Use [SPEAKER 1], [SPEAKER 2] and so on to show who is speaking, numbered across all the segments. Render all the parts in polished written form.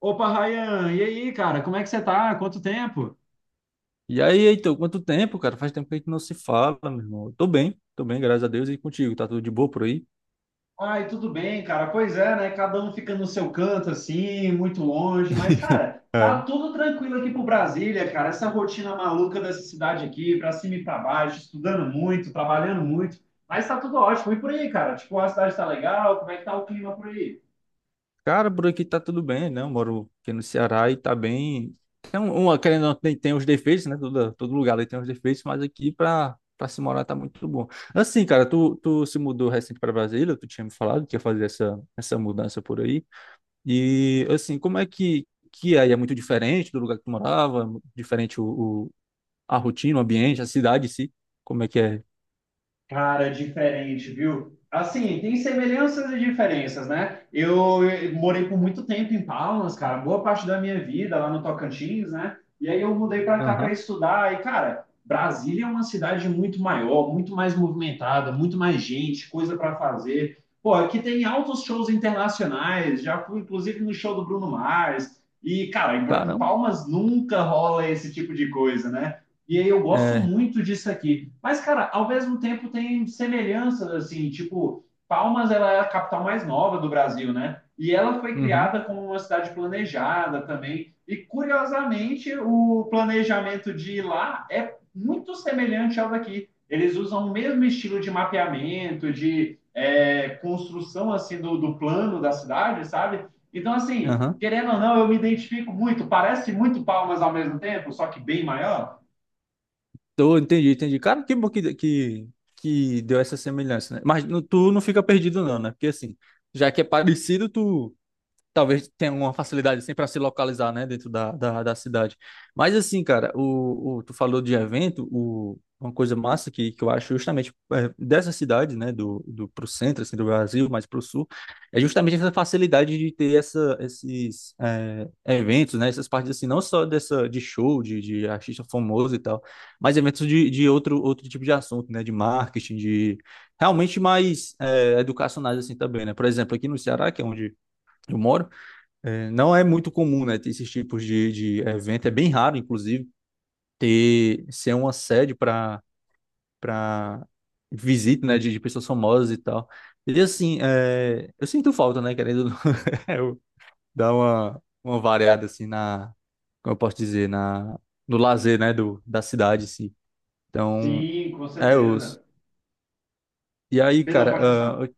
[SPEAKER 1] Opa, Ryan, e aí, cara, como é que você tá? Quanto tempo?
[SPEAKER 2] E aí, Heitor, quanto tempo, cara? Faz tempo que a gente não se fala, meu irmão. Eu tô bem, tô bem, graças a Deus. E contigo, tá tudo de boa por aí?
[SPEAKER 1] Ai, tudo bem, cara. Pois é, né? Cada um fica no seu canto, assim, muito longe. Mas, cara, tá
[SPEAKER 2] É.
[SPEAKER 1] tudo tranquilo aqui pro Brasília, cara. Essa rotina maluca dessa cidade aqui, pra cima e pra baixo, estudando muito, trabalhando muito. Mas tá tudo ótimo. E por aí, cara? Tipo, a cidade tá legal? Como é que tá o clima por aí?
[SPEAKER 2] Cara, por aqui tá tudo bem, né? Eu moro aqui no Ceará e tá bem. Uma, querendo ou não, tem os defeitos, né? Todo lugar ali tem os defeitos, mas aqui pra se morar tá muito bom. Assim, cara, tu se mudou recente pra Brasília, tu tinha me falado que ia fazer essa mudança por aí. E, assim, como é que é? É muito diferente do lugar que tu morava? Diferente, o a rotina, o ambiente, a cidade em si, como é que é.
[SPEAKER 1] Cara, diferente, viu? Assim, tem semelhanças e diferenças, né? Eu morei por muito tempo em Palmas, cara, boa parte da minha vida lá no Tocantins, né? E aí eu mudei para cá para
[SPEAKER 2] Aham.
[SPEAKER 1] estudar. E, cara, Brasília é uma cidade muito maior, muito mais movimentada, muito mais gente, coisa para fazer. Pô, aqui tem altos shows internacionais, já fui inclusive no show do Bruno Mars. E, cara, em
[SPEAKER 2] Caramba.
[SPEAKER 1] Palmas nunca rola esse tipo de coisa, né? E aí eu gosto
[SPEAKER 2] É.
[SPEAKER 1] muito disso aqui. Mas, cara, ao mesmo tempo tem semelhanças, assim, tipo, Palmas ela é a capital mais nova do Brasil, né? E ela foi
[SPEAKER 2] Uhum.
[SPEAKER 1] criada como uma cidade planejada também. E, curiosamente, o planejamento de lá é muito semelhante ao daqui. Eles usam o mesmo estilo de mapeamento, de construção, assim, do plano da cidade, sabe? Então, assim,
[SPEAKER 2] Aham.
[SPEAKER 1] querendo ou não, eu me identifico muito. Parece muito Palmas ao mesmo tempo, só que bem maior.
[SPEAKER 2] Tô, entendi. Cara, que bom que deu essa semelhança, né? Mas tu não fica perdido não, né? Porque assim, já que é parecido, tu talvez tenha uma facilidade assim para se localizar, né, dentro da cidade. Mas assim, cara, o tu falou de evento, o, uma coisa massa que eu acho justamente, é dessa cidade, né, do pro centro assim do Brasil, mais pro sul, é justamente essa facilidade de ter essa, esses, é, eventos, né, essas partes assim, não só dessa de show de artista famoso e tal, mas eventos de outro tipo de assunto, né, de marketing, de realmente mais, é, educacionais assim também, né? Por exemplo, aqui no Ceará, que é onde eu moro, é, não é muito comum, né, ter esses tipos de evento. É bem raro, inclusive, ter ser uma sede para para visita, né, de pessoas famosas e tal. E assim, é, eu sinto falta, né, querendo ou não, eu dar uma variada assim na, como eu posso dizer, na no lazer, né, do da cidade, assim. Então,
[SPEAKER 1] Sim, com
[SPEAKER 2] é os.
[SPEAKER 1] certeza.
[SPEAKER 2] E aí,
[SPEAKER 1] Perdão,
[SPEAKER 2] cara,
[SPEAKER 1] pode ajustar.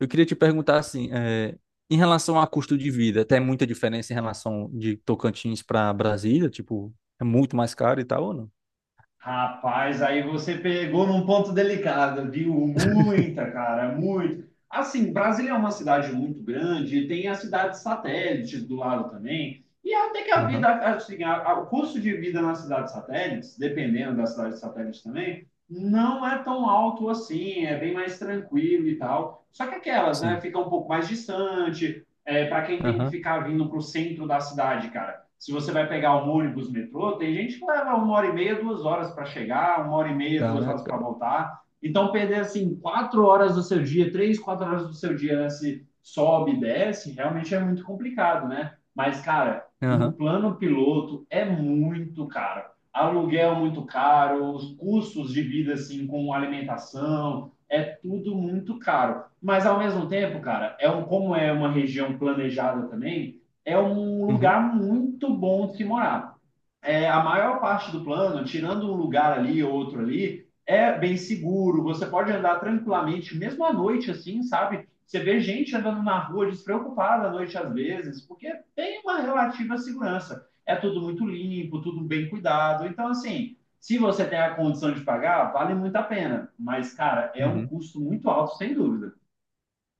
[SPEAKER 2] eu queria te perguntar assim, é, em relação a custo de vida, tem muita diferença em relação de Tocantins para Brasília? Tipo, é muito mais caro e tal ou não?
[SPEAKER 1] Rapaz, aí você pegou num ponto delicado, viu? Muita, cara, muito. Assim, Brasília é uma cidade muito grande, tem as cidades satélites do lado também. E até que a vida,
[SPEAKER 2] Aham.
[SPEAKER 1] assim, o custo de vida nas cidades satélites, dependendo das cidades satélites também, não é tão alto assim, é bem mais tranquilo e tal. Só que aquelas, né,
[SPEAKER 2] Sim.
[SPEAKER 1] fica um pouco mais distante, é, para quem tem que
[SPEAKER 2] Aham,
[SPEAKER 1] ficar vindo para o centro da cidade, cara, se você vai pegar um ônibus, metrô, tem gente que leva uma hora e meia, duas horas para chegar, uma hora e meia, duas horas
[SPEAKER 2] caraca,
[SPEAKER 1] para
[SPEAKER 2] velho.
[SPEAKER 1] voltar. Então, perder assim quatro horas do seu dia, três, quatro horas do seu dia nesse, né, se sobe e desce, realmente é muito complicado, né? Mas, cara, no
[SPEAKER 2] Aham.
[SPEAKER 1] plano piloto é muito caro. Aluguel muito caro, os custos de vida assim com alimentação, é tudo muito caro. Mas ao mesmo tempo, cara, é um, como é uma região planejada também, é um
[SPEAKER 2] Uhum.
[SPEAKER 1] lugar muito bom de se morar. É, a maior parte do plano, tirando um lugar ali ou outro ali, é bem seguro. Você pode andar tranquilamente, mesmo à noite, assim, sabe? Você vê gente andando na rua despreocupada à noite às vezes, porque tem uma relativa segurança. É tudo muito limpo, tudo bem cuidado. Então, assim, se você tem a condição de pagar, vale muito a pena. Mas, cara, é um
[SPEAKER 2] Uhum.
[SPEAKER 1] custo muito alto, sem dúvida.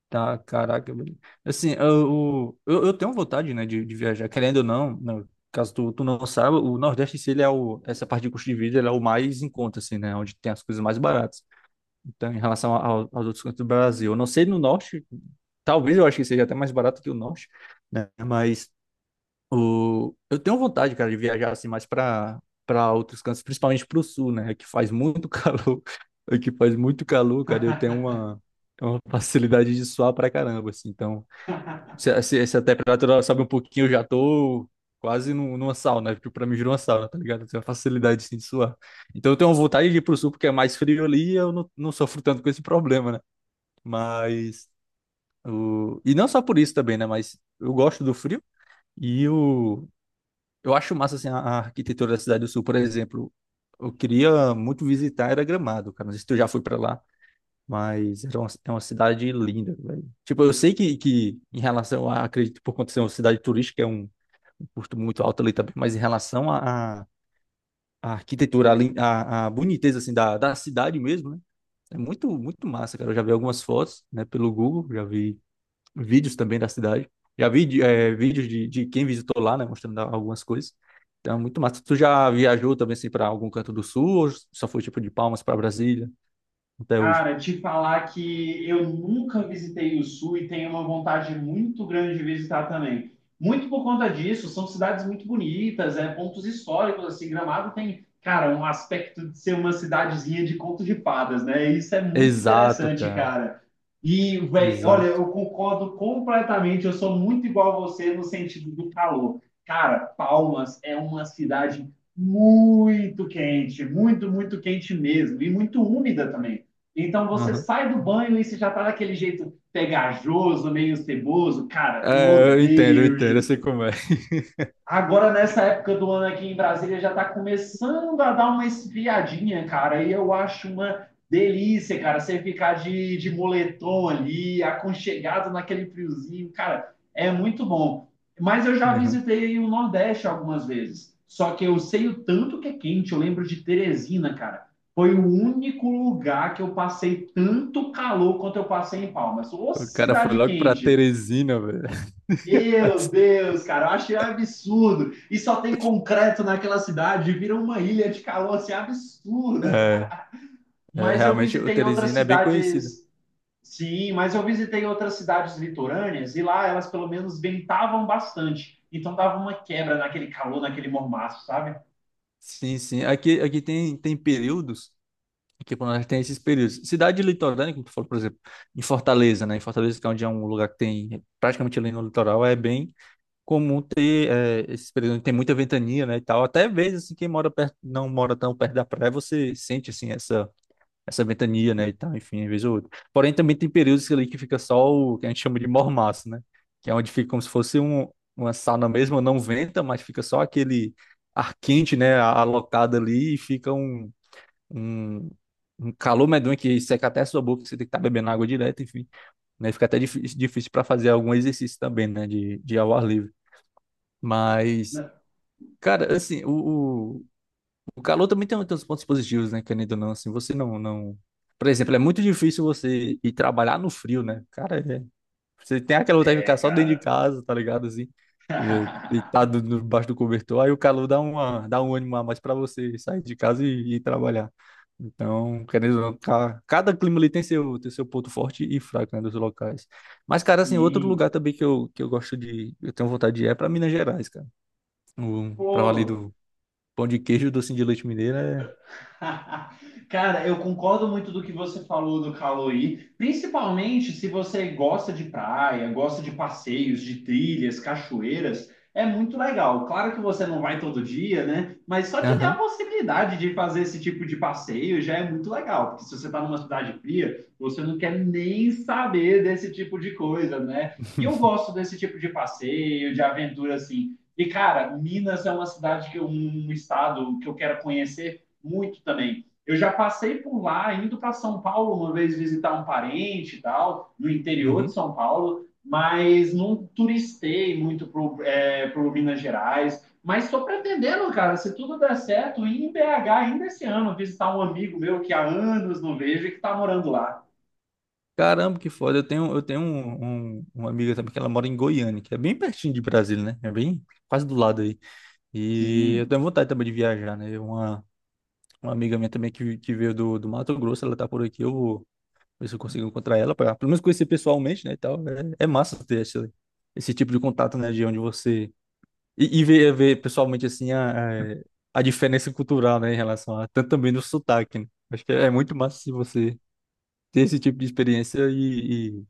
[SPEAKER 2] Tá, caraca, velho. Assim, eu tenho vontade, né, de viajar, querendo ou não, não, caso tu não saiba, o Nordeste, se ele é o, essa parte de custo de vida, ele é o mais em conta, assim, né, onde tem as coisas mais baratas. Então, em relação aos outros cantos do Brasil. Eu não sei no norte, talvez eu acho que seja até mais barato que o norte, né? Mas o... eu tenho vontade, cara, de viajar assim mais para outros cantos, principalmente para o sul, né? Que faz muito calor, que faz muito calor, cara. Eu tenho uma facilidade de suar pra caramba, assim. Então, se a temperatura sobe um pouquinho, eu já tô quase numa sauna, porque pra mim virou uma sauna, tá ligado? Eu tenho uma facilidade assim, de suar. Então eu tenho vontade de ir pro sul, porque é mais frio ali e eu não sofro tanto com esse problema, né? Mas. O... E não só por isso também, né? Mas eu gosto do frio e o... eu acho massa assim, a arquitetura da cidade do sul, por exemplo. Eu queria muito visitar, era Gramado, cara. Não sei se tu já foi pra lá. É uma cidade linda, velho. Tipo, eu sei que em relação a, acredito, por conta de ser uma cidade turística, é um, um custo muito alto ali também, mas em relação à arquitetura, à boniteza, assim, da cidade mesmo, né? É muito, muito massa, cara. Eu já vi algumas fotos, né, pelo Google, já vi vídeos também da cidade. Já vi de- eh, Vídeos de quem visitou lá, né, mostrando algumas coisas. Então, é muito massa. Tu já viajou também, assim, para algum canto do sul ou só foi, tipo, de Palmas para Brasília até hoje?
[SPEAKER 1] Cara, te falar que eu nunca visitei o Sul e tenho uma vontade muito grande de visitar também. Muito por conta disso, são cidades muito bonitas, é, pontos históricos, assim, Gramado tem, cara, um aspecto de ser uma cidadezinha de conto de fadas, né? Isso é muito
[SPEAKER 2] Exato,
[SPEAKER 1] interessante,
[SPEAKER 2] cara.
[SPEAKER 1] cara. E, velho, olha,
[SPEAKER 2] Exato.
[SPEAKER 1] eu concordo completamente, eu sou muito igual a você no sentido do calor. Cara, Palmas é uma cidade muito quente, muito, muito quente mesmo, e muito úmida também. Então você
[SPEAKER 2] Aham.
[SPEAKER 1] sai do banho e você já tá daquele jeito pegajoso, meio ceboso. Cara, eu
[SPEAKER 2] É, eu
[SPEAKER 1] odeio
[SPEAKER 2] entendo, eu sei
[SPEAKER 1] isso.
[SPEAKER 2] como é.
[SPEAKER 1] Agora, nessa época do ano aqui em Brasília, já está começando a dar uma esfriadinha, cara. E eu acho uma delícia, cara, você ficar de moletom ali, aconchegado naquele friozinho, cara, é muito bom. Mas eu já
[SPEAKER 2] Aham.
[SPEAKER 1] visitei o Nordeste algumas vezes. Só que eu sei o tanto que é quente. Eu lembro de Teresina, cara. Foi o único lugar que eu passei tanto calor quanto eu passei em Palmas. Ô,
[SPEAKER 2] O cara foi
[SPEAKER 1] cidade
[SPEAKER 2] logo pra
[SPEAKER 1] quente!
[SPEAKER 2] Teresina, velho.
[SPEAKER 1] Meu Deus, cara, eu achei um absurdo. E só tem concreto naquela cidade, vira uma ilha de calor assim absurda.
[SPEAKER 2] É,
[SPEAKER 1] Mas eu
[SPEAKER 2] Realmente o
[SPEAKER 1] visitei outras
[SPEAKER 2] Teresina é bem conhecido.
[SPEAKER 1] cidades, sim, mas eu visitei outras cidades litorâneas e lá elas pelo menos ventavam bastante. Então dava uma quebra naquele calor, naquele mormaço, sabe?
[SPEAKER 2] Sim, sim. Aqui, aqui tem, tem períodos, aqui pelo menos tem esses períodos. Cidade litorânea, como tu falou, por exemplo, em Fortaleza, né? Em Fortaleza, que é onde é um lugar que tem praticamente ali no litoral, é bem comum ter, é, esses períodos onde tem muita ventania, né, e tal. Até vezes, assim, quem mora perto, não mora tão perto da praia, você sente, assim, essa ventania, né, e tal, enfim, às vez ou outra. Porém, também tem períodos ali que fica só o que a gente chama de mormaço, né, que é onde fica como se fosse um, uma sauna mesmo, não venta, mas fica só aquele ar quente, né, alocado ali e fica um, um calor medonho que seca até a sua boca, você tem que estar bebendo água direto, enfim, né, fica até difícil, difícil para fazer algum exercício também, né, de ao ar livre. Mas, cara, assim, o- o calor também tem, tem uns pontos positivos, né? Querendo ou não, assim, você não... Por exemplo, é muito difícil você ir trabalhar no frio, né? Cara, você tem aquela vontade de ficar
[SPEAKER 1] É,
[SPEAKER 2] só dentro de
[SPEAKER 1] cara.
[SPEAKER 2] casa, tá ligado? Assim, é, deitado debaixo do cobertor, aí o calor dá uma, dá um ânimo a mais pra você sair de casa e trabalhar. Então, querendo ou não, cada clima ali tem seu ponto forte e fraco, né, dos locais. Mas, cara, assim, outro lugar
[SPEAKER 1] Sim.
[SPEAKER 2] também que eu gosto de, eu tenho vontade de ir é pra Minas Gerais, cara. O, pra ali
[SPEAKER 1] Pô,
[SPEAKER 2] do pão de queijo, doce de leite mineiro é
[SPEAKER 1] cara, eu concordo muito do que você falou do Caloi, principalmente se você gosta de praia, gosta de passeios, de trilhas, cachoeiras, é muito legal. Claro que você não vai todo dia, né? Mas só de ter a
[SPEAKER 2] Aham.
[SPEAKER 1] possibilidade de fazer esse tipo de passeio já é muito legal, porque se você está numa cidade fria, você não quer nem saber desse tipo de coisa, né? E eu gosto desse tipo de passeio, de aventura assim. E, cara, Minas é uma cidade que eu- um estado que eu quero conhecer muito também. Eu já passei por lá, indo para São Paulo uma vez visitar um parente e tal, no interior de
[SPEAKER 2] Uhum.
[SPEAKER 1] São Paulo, mas não turistei muito pro, é, pro Minas Gerais. Mas estou pretendendo, cara, se tudo der certo, ir em BH ainda esse ano, visitar um amigo meu que há anos não vejo e que está morando lá.
[SPEAKER 2] Caramba, que foda. Eu tenho uma amiga também que ela mora em Goiânia, que é bem pertinho de Brasília, né? É bem quase do lado aí. E eu
[SPEAKER 1] Sim.
[SPEAKER 2] tenho vontade também de viajar, né? Uma amiga minha também que veio do Mato Grosso, ela tá por aqui, eu vou ver se eu consigo encontrar ela, pra, pelo menos conhecer pessoalmente, né? E tal. É, é massa ter esse tipo de contato, né? De onde você. E ver, ver pessoalmente, assim, a a diferença cultural, né? Em relação a. Tanto também no sotaque, né? Acho que é muito massa se você ter esse tipo de experiência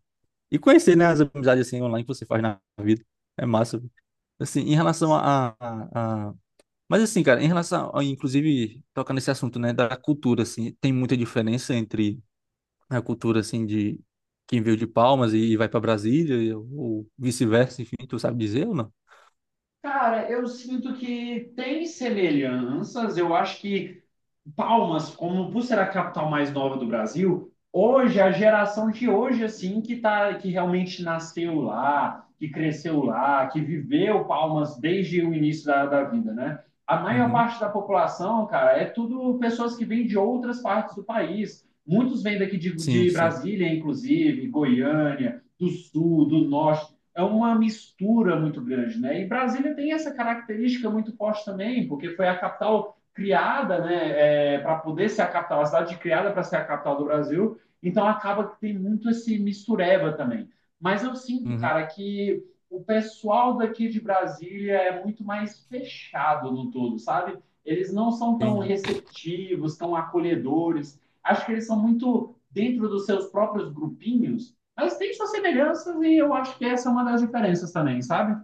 [SPEAKER 2] e conhecer, né, as amizades assim online que você faz na vida. É massa, velho. Assim, em relação a... Mas assim, cara, em relação, a, inclusive, tocando nesse assunto, né, da cultura, assim, tem muita diferença entre a cultura, assim, de quem veio de Palmas e vai para Brasília, ou vice-versa, enfim, tu sabe dizer ou não?
[SPEAKER 1] Cara, eu sinto que tem semelhanças. Eu acho que Palmas, como por ser a capital mais nova do Brasil, hoje, a geração de hoje, assim, que, tá, que realmente nasceu lá, que cresceu lá, que viveu Palmas desde o início da vida, né? A maior
[SPEAKER 2] Uhum.
[SPEAKER 1] parte da população, cara, é tudo pessoas que vêm de outras partes do país. Muitos vêm daqui de,
[SPEAKER 2] Sim,
[SPEAKER 1] de
[SPEAKER 2] sim.
[SPEAKER 1] Brasília, inclusive, Goiânia, do Sul, do Norte. É uma mistura muito grande, né? E Brasília tem essa característica muito forte também, porque foi a capital criada, né, é, para poder ser a capital, a cidade criada para ser a capital do Brasil, então acaba que tem muito esse mistureba também. Mas eu sinto,
[SPEAKER 2] Uhum.
[SPEAKER 1] cara, que o pessoal daqui de Brasília é muito mais fechado no todo, sabe? Eles não são tão
[SPEAKER 2] Entendi.
[SPEAKER 1] receptivos, tão acolhedores. Acho que eles são muito dentro dos seus próprios grupinhos, mas tem suas semelhanças e eu acho que essa é uma das diferenças também, sabe?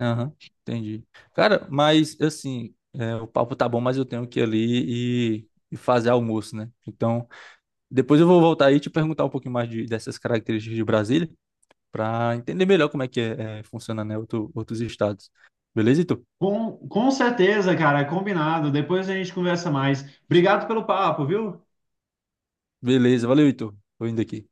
[SPEAKER 2] Aham, entendi. Cara, mas, assim, é, o papo tá bom, mas eu tenho que ir ali e fazer almoço, né? Então, depois eu vou voltar aí e te perguntar um pouquinho mais de, dessas características de Brasília, para entender melhor como é que é, é, funciona, né, outros estados. Beleza, Heitor?
[SPEAKER 1] Com certeza, cara, combinado. Depois a gente conversa mais. Obrigado pelo papo, viu?
[SPEAKER 2] Beleza, valeu, Heitor. Tô indo aqui.